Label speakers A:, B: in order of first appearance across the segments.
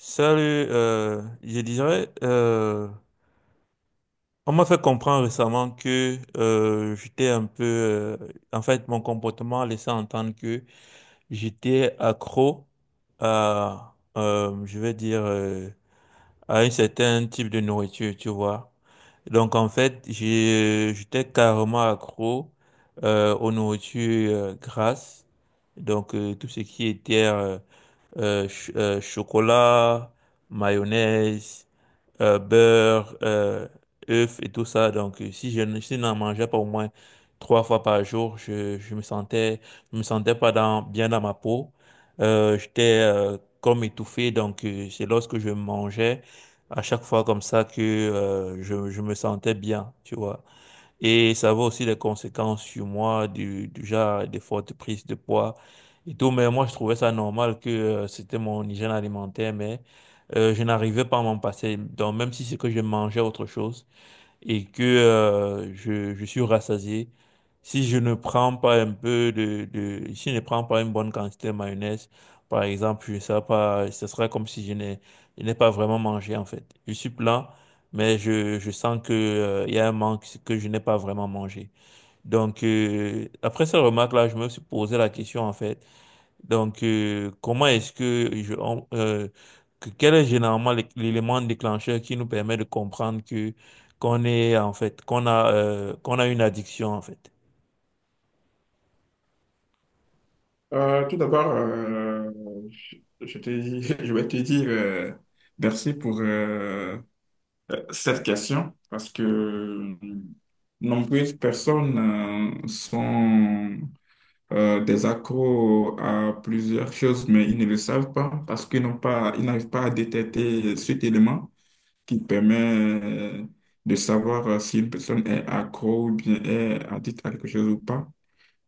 A: Salut. Je dirais, on m'a fait comprendre récemment que j'étais un peu, en fait, mon comportement laissait entendre que j'étais accro à, je vais dire, à un certain type de nourriture, tu vois. Donc, en fait, j'étais carrément accro aux nourritures grasses. Donc, tout ce qui était chocolat, mayonnaise, beurre, œufs et tout ça. Donc, si je, ne- si je n'en mangeais pas au moins 3 fois par jour, je me sentais pas dans, bien dans ma peau. J'étais comme étouffé. Donc, c'est lorsque je mangeais à chaque fois comme ça que je me sentais bien, tu vois. Et ça avait aussi des conséquences sur moi, du genre des fortes prises de poids et tout. Mais moi, je trouvais ça normal que c'était mon hygiène alimentaire, mais je n'arrivais pas à m'en passer. Donc, même si c'est que je mangeais autre chose, et que je suis rassasié, si je ne prends pas un peu si je ne prends pas une bonne quantité de mayonnaise, par exemple, je sais pas, ce sera comme si je n'ai pas vraiment mangé en fait. Je suis plein, mais je sens que il y a un manque que je n'ai pas vraiment mangé. Donc après cette remarque-là, je me suis posé la question en fait. Donc, comment est-ce que je, on- que- quel est généralement l'élément déclencheur qui nous permet de comprendre que qu'on est en fait qu'on a une addiction en fait?
B: Tout d'abord, je je je vais te dire merci pour cette question parce que nombreuses personnes sont des accros à plusieurs choses, mais ils ne le savent pas parce qu'ils n'ont pas, ils n'arrivent pas à détecter cet élément qui permet euh, de savoir si une personne est accro ou bien est addict à quelque chose ou pas.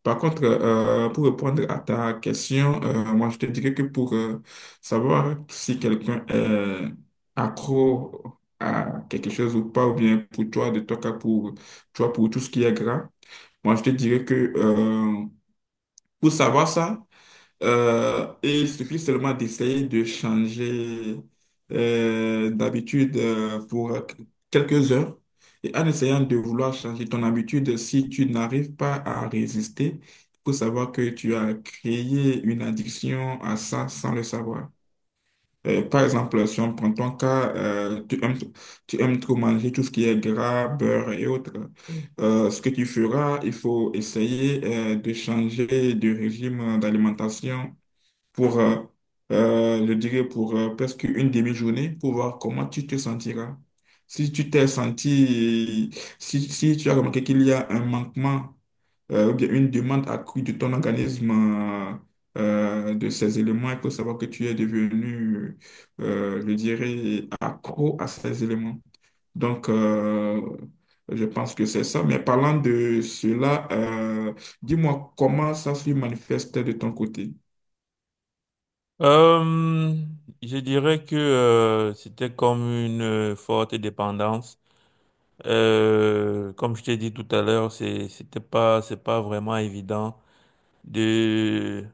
B: Par contre, pour répondre à ta question, moi je te dirais que pour savoir si quelqu'un est accro à quelque chose ou pas, ou bien pour toi, de ton cas, pour toi, pour tout ce qui est gras, moi je te dirais que pour savoir ça, et il suffit seulement d'essayer de changer d'habitude pour quelques heures. Et en essayant de vouloir changer ton habitude, si tu n'arrives pas à résister, il faut savoir que tu as créé une addiction à ça sans le savoir. Par exemple, si on prend ton cas, tu aimes trop manger tout ce qui est gras, beurre et autres. Ce que tu feras, il faut essayer de changer de régime d'alimentation pour je dirais pour presque une demi-journée pour voir comment tu te sentiras. Si tu t'es senti, si, tu as remarqué qu'il y a un manquement ou bien une demande accrue de ton organisme de ces éléments, il faut savoir que tu es je dirais, accro à ces éléments. Donc, je pense que c'est ça. Mais parlant de cela, dis-moi comment ça se manifeste de ton côté.
A: Euh, je dirais que c'était comme une forte dépendance. Comme je t'ai dit tout à l'heure, c'est pas vraiment évident de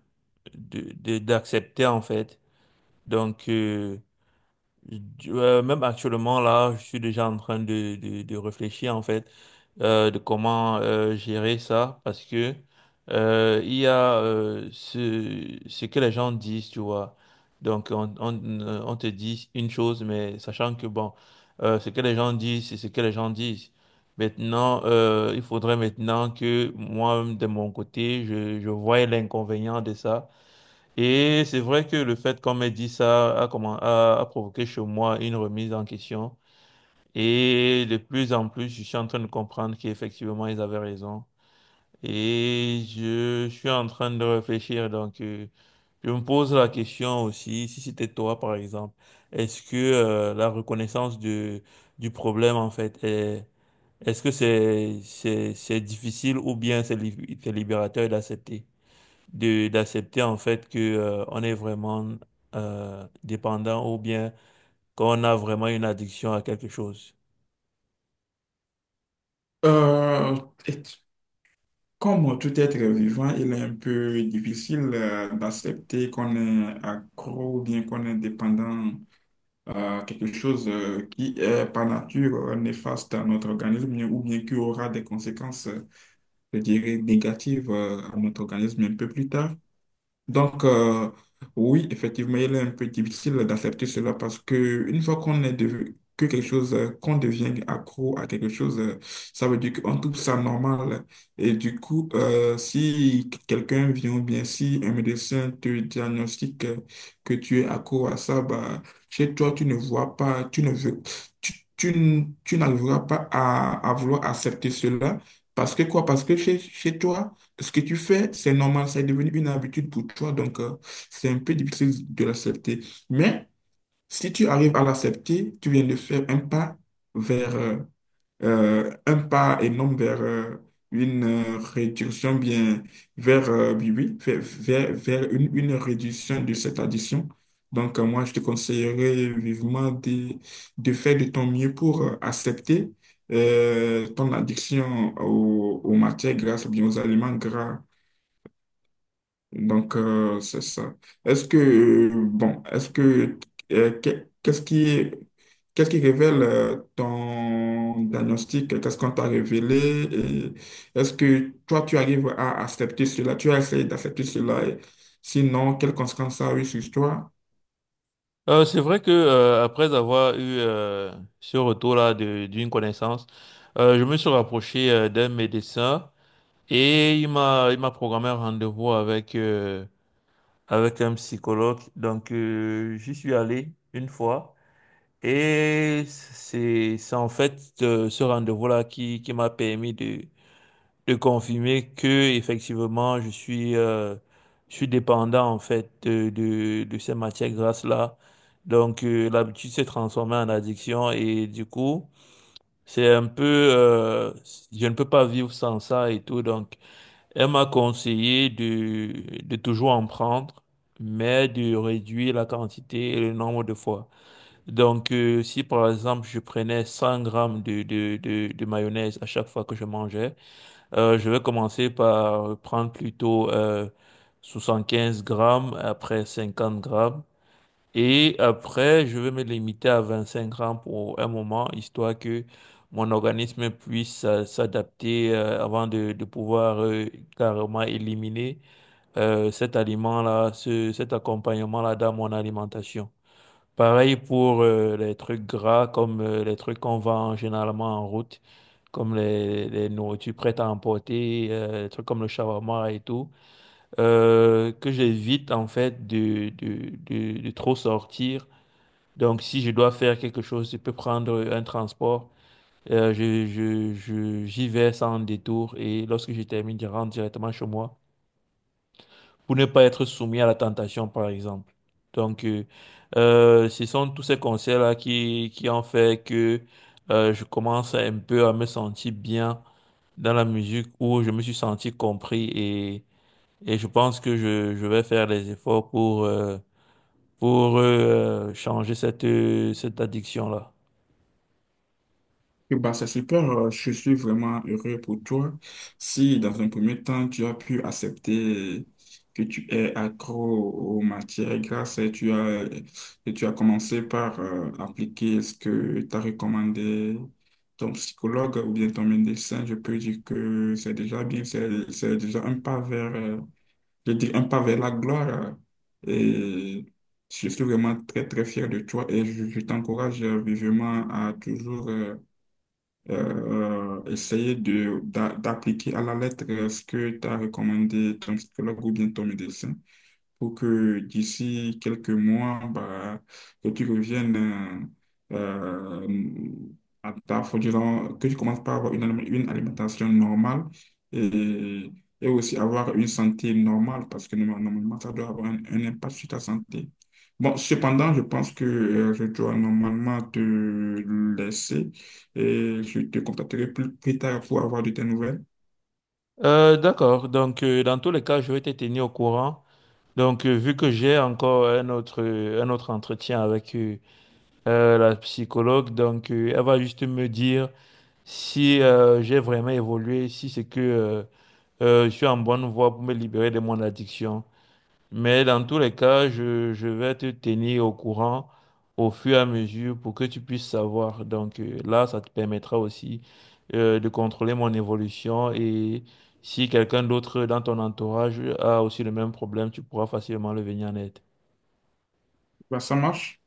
A: d'accepter en fait. Donc, même actuellement, là, je suis déjà en train de réfléchir, en fait, de comment gérer ça, parce que il y a ce que les gens disent, tu vois. Donc, on te dit une chose, mais sachant que, bon, ce que les gens disent, c'est ce que les gens disent. Maintenant, il faudrait maintenant que moi, de mon côté, je voie l'inconvénient de ça. Et c'est vrai que le fait qu'on m'ait dit ça a, a provoqué chez moi une remise en question. Et de plus en plus, je suis en train de comprendre qu'effectivement, ils avaient raison. Et je suis en train de réfléchir. Donc, je me pose la question aussi, si c'était toi, par exemple, est-ce que la reconnaissance du problème, en fait, est-ce que c'est difficile ou bien c'est libérateur d'accepter? De D'accepter en fait que on est vraiment dépendant ou bien qu'on a vraiment une addiction à quelque chose.
B: Euh, et comme tout être vivant, il est un peu difficile d'accepter qu'on est accro ou bien qu'on est dépendant à quelque chose qui est par nature néfaste à notre organisme ou bien qui aura des conséquences, je dirais, négatives à notre organisme un peu plus tard. Donc, oui, effectivement, il est un peu difficile d'accepter cela parce que une fois qu'on est devenu, que quelque chose, qu'on devient accro à quelque chose, ça veut dire qu'on trouve ça normal. Et du coup, si quelqu'un vient ou bien si un médecin te diagnostique que tu es accro à ça, bah, chez toi, tu ne veux, tu, tu n'arriveras pas à vouloir accepter cela. Parce que quoi? Parce que chez toi, ce que tu fais, c'est normal, c'est devenu une habitude pour toi, donc c'est un peu difficile de l'accepter. Mais si tu arrives à l'accepter, tu viens de faire un pas vers un pas énorme vers une réduction bien vers oui, oui, vers une réduction de cette addiction. Donc moi, je te conseillerais vivement de faire de ton mieux pour accepter ton addiction aux matières grasses ou bien aux aliments gras donc, c'est ça. Est-ce que, euh, que- qu'est-ce qui, qu'est-ce qui révèle ton diagnostic? Qu'est-ce qu'on t'a révélé? Et est-ce que toi, tu arrives à accepter cela? Tu as essayé d'accepter cela? Et sinon, quelles conséquences ça a eu sur toi?
A: C'est vrai que après avoir eu ce retour-là d'une connaissance, je me suis rapproché d'un médecin et il m'a programmé un rendez-vous avec avec un psychologue. Donc j'y suis allé une fois et c'est en fait ce rendez-vous-là qui m'a permis de confirmer que effectivement je suis dépendant en fait de ces matières grasses là. Donc l'habitude s'est transformée en addiction et du coup c'est un peu je ne peux pas vivre sans ça et tout. Donc elle m'a conseillé de toujours en prendre mais de réduire la quantité et le nombre de fois. Donc, si par exemple je prenais 100 grammes de mayonnaise à chaque fois que je mangeais, je vais commencer par prendre plutôt 75 grammes, après 50 grammes. Et après, je vais me limiter à 25 grammes pour un moment, histoire que mon organisme puisse s'adapter avant de pouvoir carrément éliminer cet aliment-là, cet accompagnement-là dans mon alimentation. Pareil pour les trucs gras comme les trucs qu'on vend généralement en route comme les nourritures prêtes à emporter, des trucs comme le shawarma et tout, que j'évite en fait de trop sortir. Donc si je dois faire quelque chose, je peux prendre un transport. J'y vais sans détour et lorsque je termine, je rentre directement chez moi pour ne pas être soumis à la tentation, par exemple. Donc, ce sont tous ces conseils-là qui ont fait que je commence un peu à me sentir bien dans la musique où je me suis senti compris et je pense que je vais faire les efforts pour, changer cette, cette addiction-là.
B: Eh ben, c'est super, je suis vraiment heureux pour toi. Si dans un premier temps, tu as pu accepter que tu es accro aux matières grasses et tu as commencé par appliquer ce que t'a recommandé ton psychologue ou bien ton médecin, je peux dire que c'est déjà bien, c'est déjà un pas vers, je dis un pas vers la gloire. Et je suis vraiment très, très fier de toi et je t'encourage vivement à toujours... essayer d'appliquer à la lettre ce que tu as recommandé ton psychologue ou bien ton médecin pour que d'ici quelques mois, bah, que tu reviennes euh, à ta faut dire, que tu commences par avoir une alimentation normale et, et aussi avoir une santé normale parce que normalement, ça doit avoir un impact sur ta santé. Bon, cependant, je pense que je dois normalement te laisser et je te contacterai plus tard pour avoir de tes nouvelles.
A: D'accord, donc dans tous les cas, je vais te tenir au courant. Donc vu que j'ai encore un autre entretien avec la psychologue, donc elle va juste me dire si j'ai vraiment évolué, si c'est que je suis en bonne voie pour me libérer de mon addiction. Mais dans tous les cas, je vais te tenir au courant au fur et à mesure pour que tu puisses savoir. Donc là, ça te permettra aussi de contrôler mon évolution et si quelqu'un d'autre dans ton entourage a aussi le même problème, tu pourras facilement le venir en aide.
B: Bah, ça marche?